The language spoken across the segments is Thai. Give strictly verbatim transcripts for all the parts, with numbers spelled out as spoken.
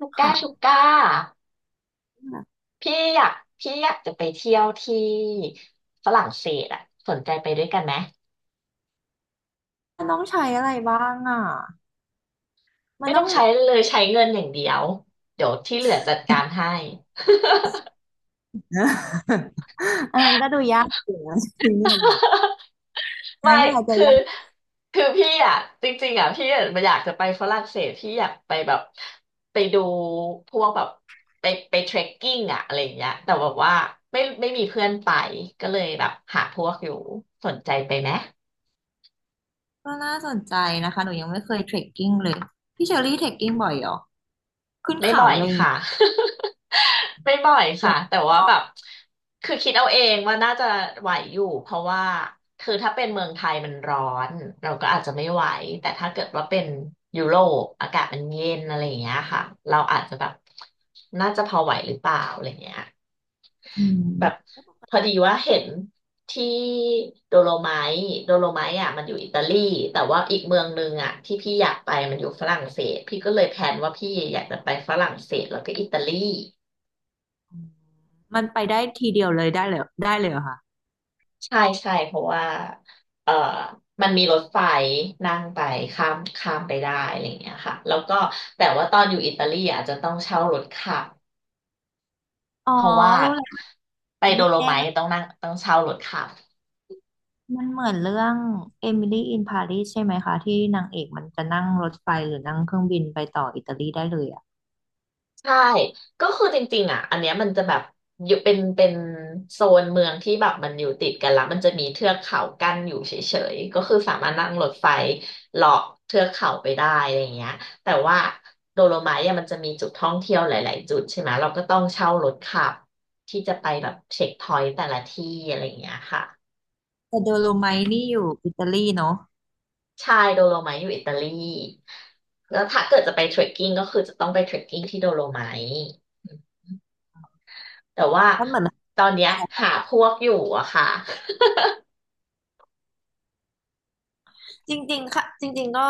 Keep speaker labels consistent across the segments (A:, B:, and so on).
A: ลูกก้า
B: ค่ะ
A: ชูก้าพี่อยากพี่อยากจะไปเที่ยวที่ฝรั่งเศสอ่ะสนใจไปด้วยกันไหม
B: มันต้องใช้อะไรบ้างอ่ะ มั
A: ไม่
B: นต้
A: ต้
B: อ
A: อ
B: ง
A: งใช้เลยใช้เงินอย่างเดียวเดี๋ยวที่เหลือจัดการให้
B: อันนั้นก็ดูยากอยู่นะ ที่นี่นนะอัน
A: ไม่
B: นั้นก็อาจจะ
A: คือ
B: ยาก
A: คือพี่อ่ะจริงๆอ่ะพี่อะอยากจะไปฝรั่งเศสพี่อยากไปแบบไปดูพวกแบบไปไปเทรคกิ้งอ่ะอะไรอย่างเงี้ยแต่แบบว่าไม่ไม่มีเพื่อนไปก็เลยแบบหาพวกอยู่สนใจไปไหม
B: ก็น่าสนใจนะคะหนูยังไม่เคยเทรคกิ้งเลย พี่เชอรี่เทรคกิ้งบ่อยเหรอขึ้น
A: ไม่
B: เขา
A: บ่อย
B: อะไรอย่างเงี้
A: ค่ะ
B: ย
A: ไม่บ่อย
B: อ
A: ค่ะ
B: ยาก
A: แต่ว่าแบบคือคิดเอาเองว่าน่าจะไหวอยู่เพราะว่าคือถ้าเป็นเมืองไทยมันร้อนเราก็อาจจะไม่ไหวแต่ถ้าเกิดว่าเป็นยุโรปอากาศมันเย็นอะไรอย่างเงี้ยค่ะเราอาจจะแบบน่าจะพอไหวหรือเปล่าอะไรเงี้ย
B: อื
A: แบบ
B: ม
A: พอดีว่าเห็นที่โดโลไมต์โดโลไมต์อ่ะมันอยู่อิตาลีแต่ว่าอีกเมืองนึงอ่ะที่พี่อยากไปมันอยู่ฝรั่งเศสพี่ก็เลยแพลนว่าพี่อยากจะไปฝรั่งเศสแล้วก็อิตาลี
B: มันไปได้ทีเดียวเลยได้เลยได้เลยเหรอคะ
A: ใช่ใช่เพราะว่าเอ่อมันมีรถไฟนั่งไปข้ามข้ามไปได้อะไรอย่างเงี้ยค่ะแล้วก็แต่ว่าตอนอยู่อิตาลีอาจจะต้องเช่ารถขับ
B: อ๋อ
A: เพราะว่า
B: รู้แล้ว
A: ไปโด
B: นี่
A: โล
B: แน่
A: ไม
B: เล
A: ท์ต้อง
B: ย
A: นั่งต้องเช่ารถขับ
B: มันเหมือนเรื่องเอมิลี่อินปารีสใช่ไหมคะที่นางเอกมันจะนั่งรถไฟหรือนั่งเครื่องบินไปต่ออิตาลีได้เลยอะ
A: ใช่ก็คือจริงๆอ่ะอันเนี้ยมันจะแบบอยู่เป็นเป็นโซนเมืองที่แบบมันอยู่ติดกันละมันจะมีเทือกเขากั้นอยู่เฉยๆก็คือสามารถนั่งรถไฟเลาะเทือกเขาไปได้อะไรอย่างเงี้ยแต่ว่าโดโลไมท์อะมันจะมีจุดท่องเที่ยวหลายๆจุดใช่ไหม เราก็ต้องเช่ารถขับที่จะไปแบบเช็คพอยต์แต่ละที่อะไรอย่างเงี้ยค่ะ
B: แต่โดโลไมท์นี่อยู่อิตาลีเนาะ
A: ใช่โดโลไมท์อยู่อิตาลีแล้วถ้าเกิดจะไปเทรคกิ้งก็คือจะต้องไปเทรคกิ้งที่โดโลไมท์ แต่ว่า
B: มันเหมือน
A: ตอนเนี้ยหาพวกอยู่อะค่ะ
B: จริงๆค่ะจริงๆ ก็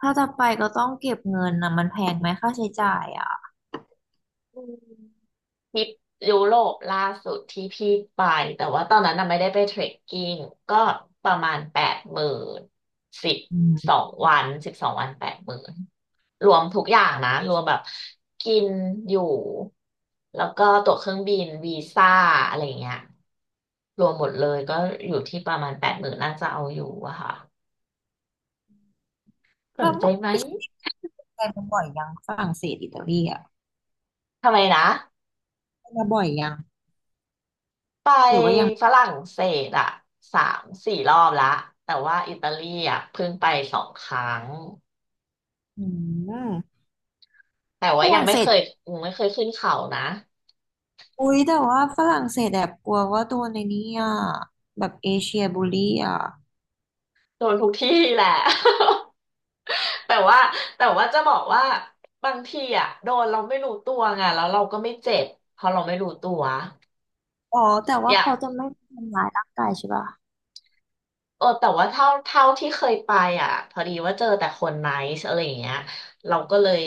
B: ถ้าจะไปก็ต้องเก็บเงินนะมันแพงไหมค่าใช้จ่ายอ่ะ
A: อืมทริปยุโรปล่าสุดที่พี่ไปแต่ว่าตอนนั้นน่ะไม่ได้ไปเทรคกิ้งก็ประมาณแปดหมื่นสิบ
B: อื
A: สอ
B: ม
A: งวันสิบสองวันแปดหมื่นรวมทุกอย่างนะรวมแบบกินอยู่แล้วก็ตั๋วเครื่องบินวีซ่าอะไรเงี้ยรวมหมดเลยก็อยู่ที่ประมาณแปดหมื่นน่าจะเอาอยู่อะค่ะส
B: แล้
A: น
B: ว
A: ใจไหม
B: พี่ไปมาบ่อยยังฝรั่งเศสอิตาลีอ่ะ
A: ทำไมนะ
B: ไปมาบ่อยยัง
A: ไป
B: หรือว่ายัง
A: ฝรั่งเศสอะสามสี่รอบละแต่ว่าอิตาลีอะเพิ่งไปสองครั้ง
B: อืม
A: แต่
B: ฝ
A: ว่ายัง
B: รั่ง
A: ไม่
B: เศ
A: เค
B: ส
A: ยยังไม่เคยขึ้นเขานะ
B: อุ๊ยแต่ว่าฝรั่งเศสแบบกลัวว่าตัวในนี้อ่ะแบบเอเชียบูลลี่อ่ะ
A: โดนทุกที่แหละ แต่ว่าแต่ว่าจะบอกว่าบางทีอะโดนเราไม่รู้ตัวไงแล้วเราก็ไม่เจ็บเพราะเราไม่รู้ตัว
B: อ๋อแต่
A: อ
B: ว่า
A: ยาก
B: เขาจะไม่ทำร้ายร่างกายใช่ป่ะ
A: เออแต่ว่าเท่าเท่าที่เคยไปอ่ะพอดีว่าเจอแต่คนไนซ์อะไรอย่างเงี้ยเราก็เลย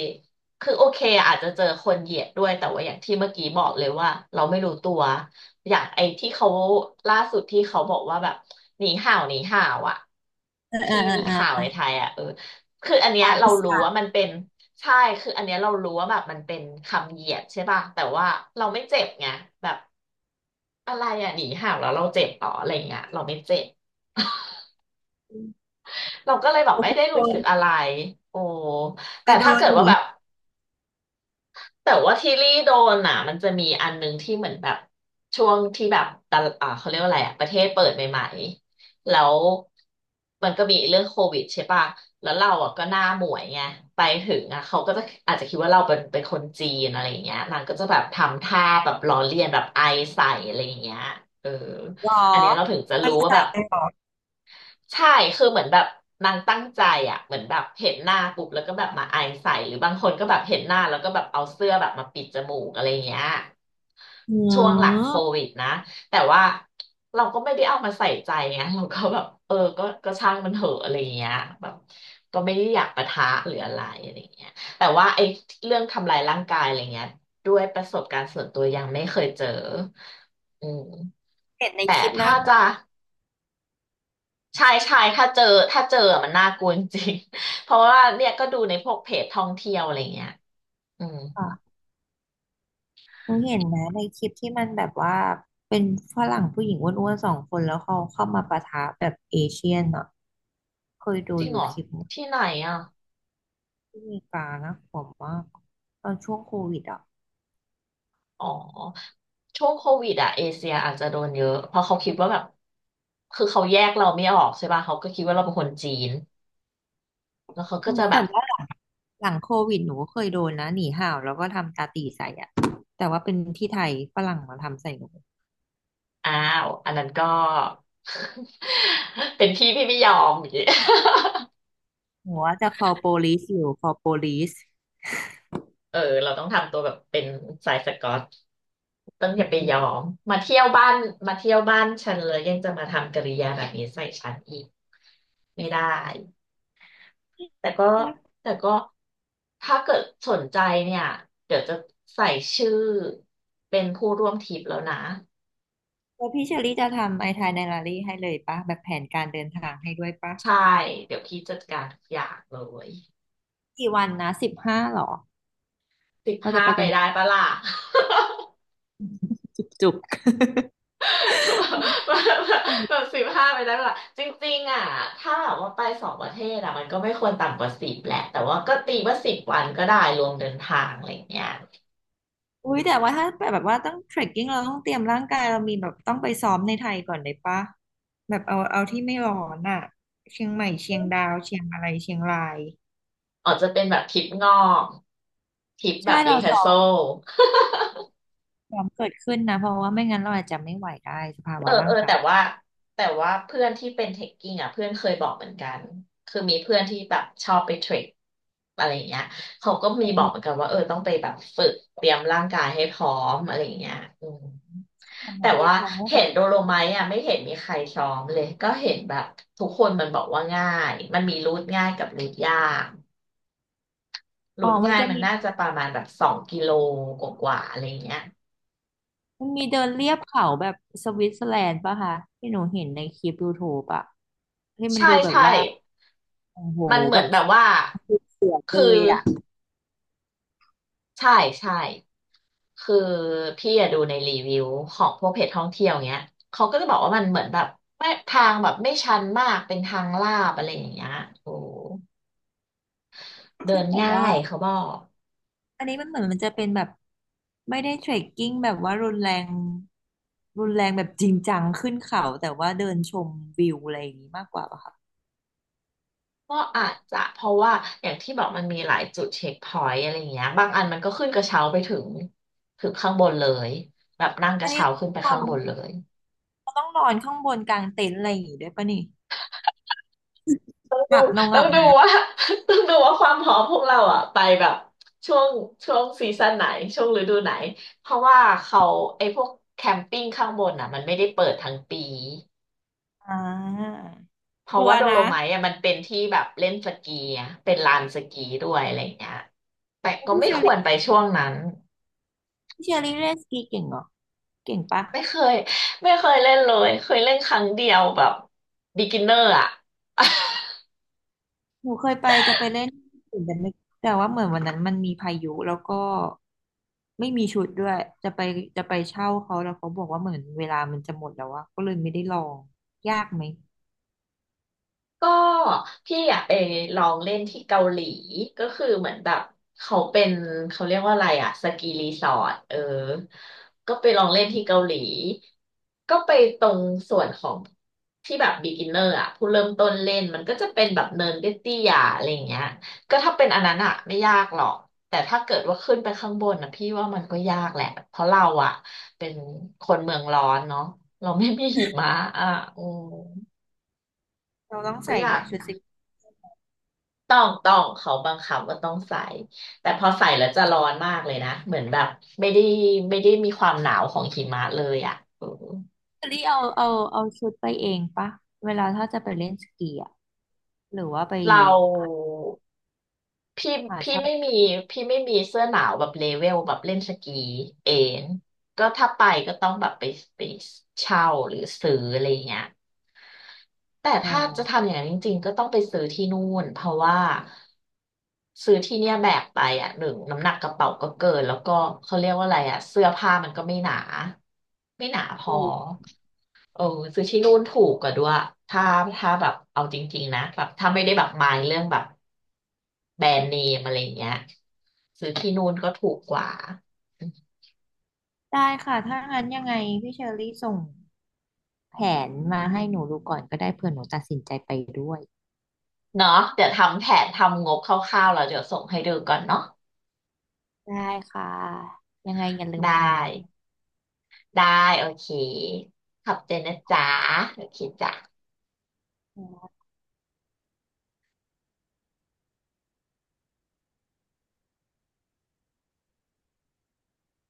A: คือโอเคอาจจะเจอคนเหยียดด้วยแต่ว่าอย่างที่เมื่อกี้บอกเลยว่าเราไม่รู้ตัวอย่างไอ้ที่เขาล่าสุดที่เขาบอกว่าแบบหนีห่าวหนีห่าวอ่ะ
B: เออเออ
A: ที่
B: เออ
A: มี
B: เ
A: ข่าว
B: อ
A: ในไท
B: อ
A: ยอ่ะเออคืออันเนี้ย
B: ตาย
A: เรา
B: พิ
A: รู้
B: สา
A: ว่ามันเป็นใช่คืออันเนี้ยเรารู้ว่าแบบมันเป็นคำเหยียดใช่ป่ะแต่ว่าเราไม่เจ็บไงแบบอะไรอ่ะหนีห่าวแล้วเราเจ็บต่ออะไรอย่างเงี้ยเราไม่เจ็บ
B: ไ
A: เราก็เลยแบบ
B: ป
A: ไม่ได้
B: โด
A: รู้สึกอะ
B: น
A: ไรโอ้
B: ไป
A: แต่
B: โด
A: ถ้า
B: น
A: เกิด
B: ห
A: ว่า
B: นี
A: แบบแต่ว่าที่ลี่โดนอ่ะมันจะมีอันนึงที่เหมือนแบบช่วงที่แบบตะอ่าเขาเรียกว่าอะไรอ่ะประเทศเปิดใหม่ๆ แล้วมันก็มีเรื่องโควิดใช่ป่ะแล้วเราอ่ะก็หน้าหมวยไงไปถึงอ่ะเขาก็จะอาจจะคิดว่าเราเป็นเป็นคนจีนอะไรอย่างเงี้ยนางก็จะแบบทำท่าแบบล้อเลียนแบบไอใส่อะไรอย่างเงี้ยเออ
B: หรอ
A: อันเนี้ยเราถึงจะ
B: ไป
A: รู้ว่า
B: ใส่
A: แบบ
B: เลยหรอ
A: ใช่คือเหมือนแบบนางตั้งใจอ่ะเหมือนแบบเห็นหน้าปุ๊บแล้วก็แบบมาไอใส่หรือบางคนก็แบบเห็นหน้าแล้วก็แบบเอาเสื้อแบบมาปิดจมูกอะไรเงี้ย
B: อื
A: ช่วงหลังโค
B: ม
A: วิดนะแต่ว่าเราก็ไม่ได้เอามาใส่ใจไงเราก็แบบเออก็ก็ช่างมันเถอะอะไรเงี้ยแบบก็ไม่ได้อยากปะทะหรืออะไรอะไรเงี้ยแต่ว่าไอ้เรื่องทำลายร่างกายอะไรเงี้ยด้วยประสบการณ์ส่วนตัวยังไม่เคยเจออืม
B: เห็นใน
A: แต่
B: คลิปน่า
A: ถ้า
B: กลัว
A: จะ ใช่ใช่ถ้าเจอถ้าเจอมันน่ากลัวจริงๆ เพราะว่าเนี่ยก็ดูในพวกเพจท่องเที่ยวอะไรเงี้ยอืม
B: อะหนูเห็นนะในคลิปที่มันแบบว่าเป็นฝรั่งผู้หญิงอ้วนๆสองคนแล้วเขาเข้ามาปะทะแบบเอเชียนอ่ะเคยดู
A: จริง
B: อ
A: เหร
B: ยู่
A: อ
B: คลิปนึง
A: ที่ไหนอ่ะ
B: ที่อเมริกานะผมว่ากตอนช่วงโควิดอ่ะ
A: อ๋อช่วงโควิดอ่ะเอเชียอาจจะโดนเยอะเพราะเขาคิดว่าแบบคือเขาแยกเราไม่ออกใช่ป่ะเขาก็คิดว่าเราเป็นคนจีนแล้วเขาก็
B: อืม
A: จะแบ
B: แต่
A: บ
B: ว่าหลังโควิดหนูก็เคยโดนนะหนีห่าวแล้วก็ทำตาตีใส่อ่ะแต่ว่าเป็นที่ไทยฝรั่งมาทำใส่หนู
A: อ้าวอันนั้นก็ เป็นพี่พี่ไม่ยอมอย่างงี้
B: หนูว่าจะ call police อยู่ call police
A: เออเราต้องทำตัวแบบเป็นสายสก๊อตต้องอ
B: อื
A: ย่าไป
B: ม
A: ยอ
B: ก็เลย
A: มมาเที่ยวบ้านมาเที่ยวบ้านฉันเลยยังจะมาทำกิริยาแบบนี้ใส่ฉันอีกไม่ได้แต่ก็แต่ก็ถ้าเกิดสนใจเนี่ยเดี๋ยวจะใส่ชื่อเป็นผู้ร่วมทริปแล้วนะ
B: แล้วพี่เชอรี่จะทำไอทายไดอารี่ให้เลยปะแบบแผนการเดินทางให้ด้วยปะ
A: ใช่เดี๋ยวพี่จัดการทุกอย่างเลย
B: กี่วันนะสิบห้าหรอ
A: สิบ
B: เราจะ
A: ห้า
B: ไป
A: ไป
B: กัน
A: ได้ปะล่ะ
B: จุกๆ
A: แบบ สิบห้าไปแล้วล่ะจริงๆอ่ะถ้าแบบว่าไปสองประเทศอ่ะมันก็ไม่ควรต่ำกว่าสิบแหละแต่ว่าก็ตีว่าสิบวันก็ได้รวมเดินทางอะไรอย่างเงี้ย
B: อุ้ยแต่ว่าถ้าแบบว่าต้องเทรคกิ้งเราต้องเตรียมร่างกายเรามีแบบต้องไปซ้อมในไทยก่อนเลยปะแบบเอาเอาที่ไม่ร้อนอ่ะเชียงใหม่เชียงดาวเชียงอะไรเชียงราย
A: อาจจะเป็นแบบทริปงอกทริปแบ
B: ใช่
A: บรี
B: เรา
A: เทอ
B: ซ้
A: ร์
B: อ
A: โซ
B: มซ้อมเกิดขึ้นนะเพราะว่าไม่งั้นเราอาจจะไม่ไหวได้สภา
A: เอ
B: วะ
A: อเอ
B: ร่าง
A: อแต่
B: กาย
A: ว่าแต่ว่าเพื่อนที่เป็นเทคกิ้งอ่ะเพื่อนเคยบอกเหมือนกันคือมีเพื่อนที่แบบชอบไปเทรคอะไรอย่างเงี้ยเขาก็มีบอกเหมือน
B: เออ
A: กันว่าเออต้องไปแบบฝึกเตรียมร่างกายให้พร้อมอะไรอย่างเงี้ยอืม
B: เออหม
A: แต่
B: อเคย
A: ว่า
B: ฟังว่า
A: เห็
B: แบบ
A: นโดโลไมท์อ่ะไม่เห็นมีใครซ้อมเลยก็เห็นแบบทุกคนมันบอกว่าง่ายมันมีรูทง่ายกับรูทยากรู
B: อ๋อ
A: ท
B: มัน
A: ง่าย
B: จะ
A: มัน
B: มี
A: น่า
B: แบ
A: จะ
B: บ
A: ประมาณแบบสองกิโลกว่าๆอะไรเงี้ย
B: มันมีเดินเลียบเขาแบบสวิตเซอร์แลนด์ปะคะที่หนูเห็นในคลิปยูทูบอะที่มัน
A: ใช่
B: ดูแบบ
A: ใช่
B: ว่า โอ้โห
A: มันเห
B: แบ
A: มือน
B: บ
A: แบบว่า
B: เสียดเล
A: คื
B: ย
A: อ
B: อ่ะ
A: ใช่ใช่คือพี่อะดูในรีวิวของพวกเพจท่องเที่ยวเงี้ยเขาก็จะบอกว่ามันเหมือนแบบไม่ทางแบบไม่ชันมากเป็นทางลาดอะไรอย่างเงี้ยโอ้เดิ
B: ที่
A: น
B: แบบ
A: ง่า
B: ว่า
A: ยเขาบอก
B: อันนี้มันเหมือนมันจะเป็นแบบไม่ได้เทรคกิ้งแบบว่ารุนแรงรุนแรงแบบจริงจังขึ้นเขาแต่ว่าเดินชมวิวอะไรอย่างนี้มากกว่าป่ะคะ
A: ก็อาจจะเพราะว่าอย่างที่บอกมันมีหลายจุดเช็คพอยต์อะไรอย่างเงี้ยบางอันมันก็ขึ้นกระเช้าไปถึงถึงข้างบนเลยแบบนั่งก
B: อั
A: ระ
B: นนี้
A: เช้า
B: เรา
A: ขึ้นไป
B: ต้อ
A: ข้า
B: ง
A: ง
B: น
A: บ
B: อ
A: นเล
B: น
A: ย
B: เราต้องนอนข้างบนกลางเต็นท์อะไรอย่างงี้ด้วยปะนี่หลับนอนห
A: ต้อ
B: ลั
A: ง
B: บ
A: ดู
B: นะ
A: ว่า ต้องดูว่าความพร้อมพวกเราอ่ะไปแบบช่วงช่วงซีซั่นไหนช่วงฤดูไหนเพราะว่าเขาไอ้พวกแคมปิ้งข้างบนอ่ะมันไม่ได้เปิดทั้งปี
B: อ่า
A: เพ
B: ก
A: ราะ
B: ลัว
A: ว่าโด
B: นะ
A: โลไมท์อ่ะมันเป็นที่แบบเล่นสกีอะเป็นลานสกีด้วยอะไรอย่างเงี้ยแต่
B: แล้ว
A: ก็
B: พี่
A: ไม่
B: เชอ
A: ควรไป
B: รี่
A: ช่วงนั้น
B: พี่เชอรี่เล่นสกีเก่งเหรอเก่งปะ
A: ไม่เคยไม่เคยเล่นเลยเคยเล่นครั้งเดียวแบบ beginner อะ
B: หนูเคยไปจะไปเล่นอื่ปุ่นแต่ไม่แต่ว่าเหมือนวันนั้นมันมีพายุแล้วก็ไม่มีชุดด้วยจะไปจะไปเช่าเขาแล้วเขาบอกว่าเหมือนเวลามันจะหมดแล้วอะก็เลยไม่ได้ลองยากไหม
A: ก็พี่อะไปลองเล่นที่เกาหลีก็คือเหมือนแบบเขาเป็นเขาเรียกว่าอะไรอะสกีรีสอร์ทเออก็ไปลองเล่นที่เกาหลีก็ไปตรงส่วนของที่แบบ beginner อะผู้เริ่มต้นเล่นมันก็จะเป็นแบบเนินเตี้ยๆอะไรอย่างเงี้ยก็ถ้าเป็นอันนั้นอะไม่ยากหรอกแต่ถ้าเกิดว่าขึ้นไปข้างบนนะพี่ว่ามันก็ยากแหละเพราะเราอะเป็นคนเมืองร้อนเนาะเราไม่มีหิมะอ่ะอืม
B: เราต้อง
A: ก็
B: ใส่
A: ยาก
B: ชุดสกี
A: ต้องต้องเขาบังคับว่าต้องใส่แต่พอใส่แล้วจะร้อนมากเลยนะ เหมือนแบบไม่ได้ไม่ได้มีความหนาวของหิมะเลยอ่ะเออ
B: หรือเอาเอาเอาชุดไปเองปะเวลาถ้าจะไปเล่นสกีอะหรือว่าไป
A: เราพี่
B: หา
A: พี่ไม่
B: เช่า
A: มีพี่ไม่มีเสื้อหนาวแบบเลเวลแบบเล่นสกีเองก็ถ้าไปก็ต้องแบบไปไปเช่าหรือซื้ออะไรเงี้ย แต่
B: อ๋อ
A: ถ้าจะทำอย่างนั้นจริงๆก็ต้องไปซื้อที่นู่นเพราะว่าซื้อที่เนี่ยแบกไปอ่ะหนึ่งน้ำหนักกระเป๋าก็เกินแล้วก็เขาเรียกว่าอะไรอ่ะเสื้อผ้ามันก็ไม่หนาไม่หนาพอ
B: ถูก
A: เออซื้อที่นู่นถูกกว่าด้วยถ้าถ้าแบบเอาจริงๆนะแบบถ้าไม่ได้แบบมายเรื่องแบบแบรนด์เนมอะไรอย่างเงี้ยซื้อที่นู่นก็ถูกกว่า
B: ได้ค่ะถ้างั้นยังไงพี่เชอรี่ส่งแผนมาให้หนูดูก่อนก็ได้เผื่อหนูตัดสินใจไปด้วย
A: เนาะเดี๋ยวทำแผนทำงบคร่าวๆแล้วเดี๋ยวส่งให้ดูก่อนเนาะ
B: ได้ค่ะยังไงอย่าลืม
A: ได้
B: ส่งมา
A: ได้โอเคขอบใจนะจ๊ะโอเคจ้ะ
B: อื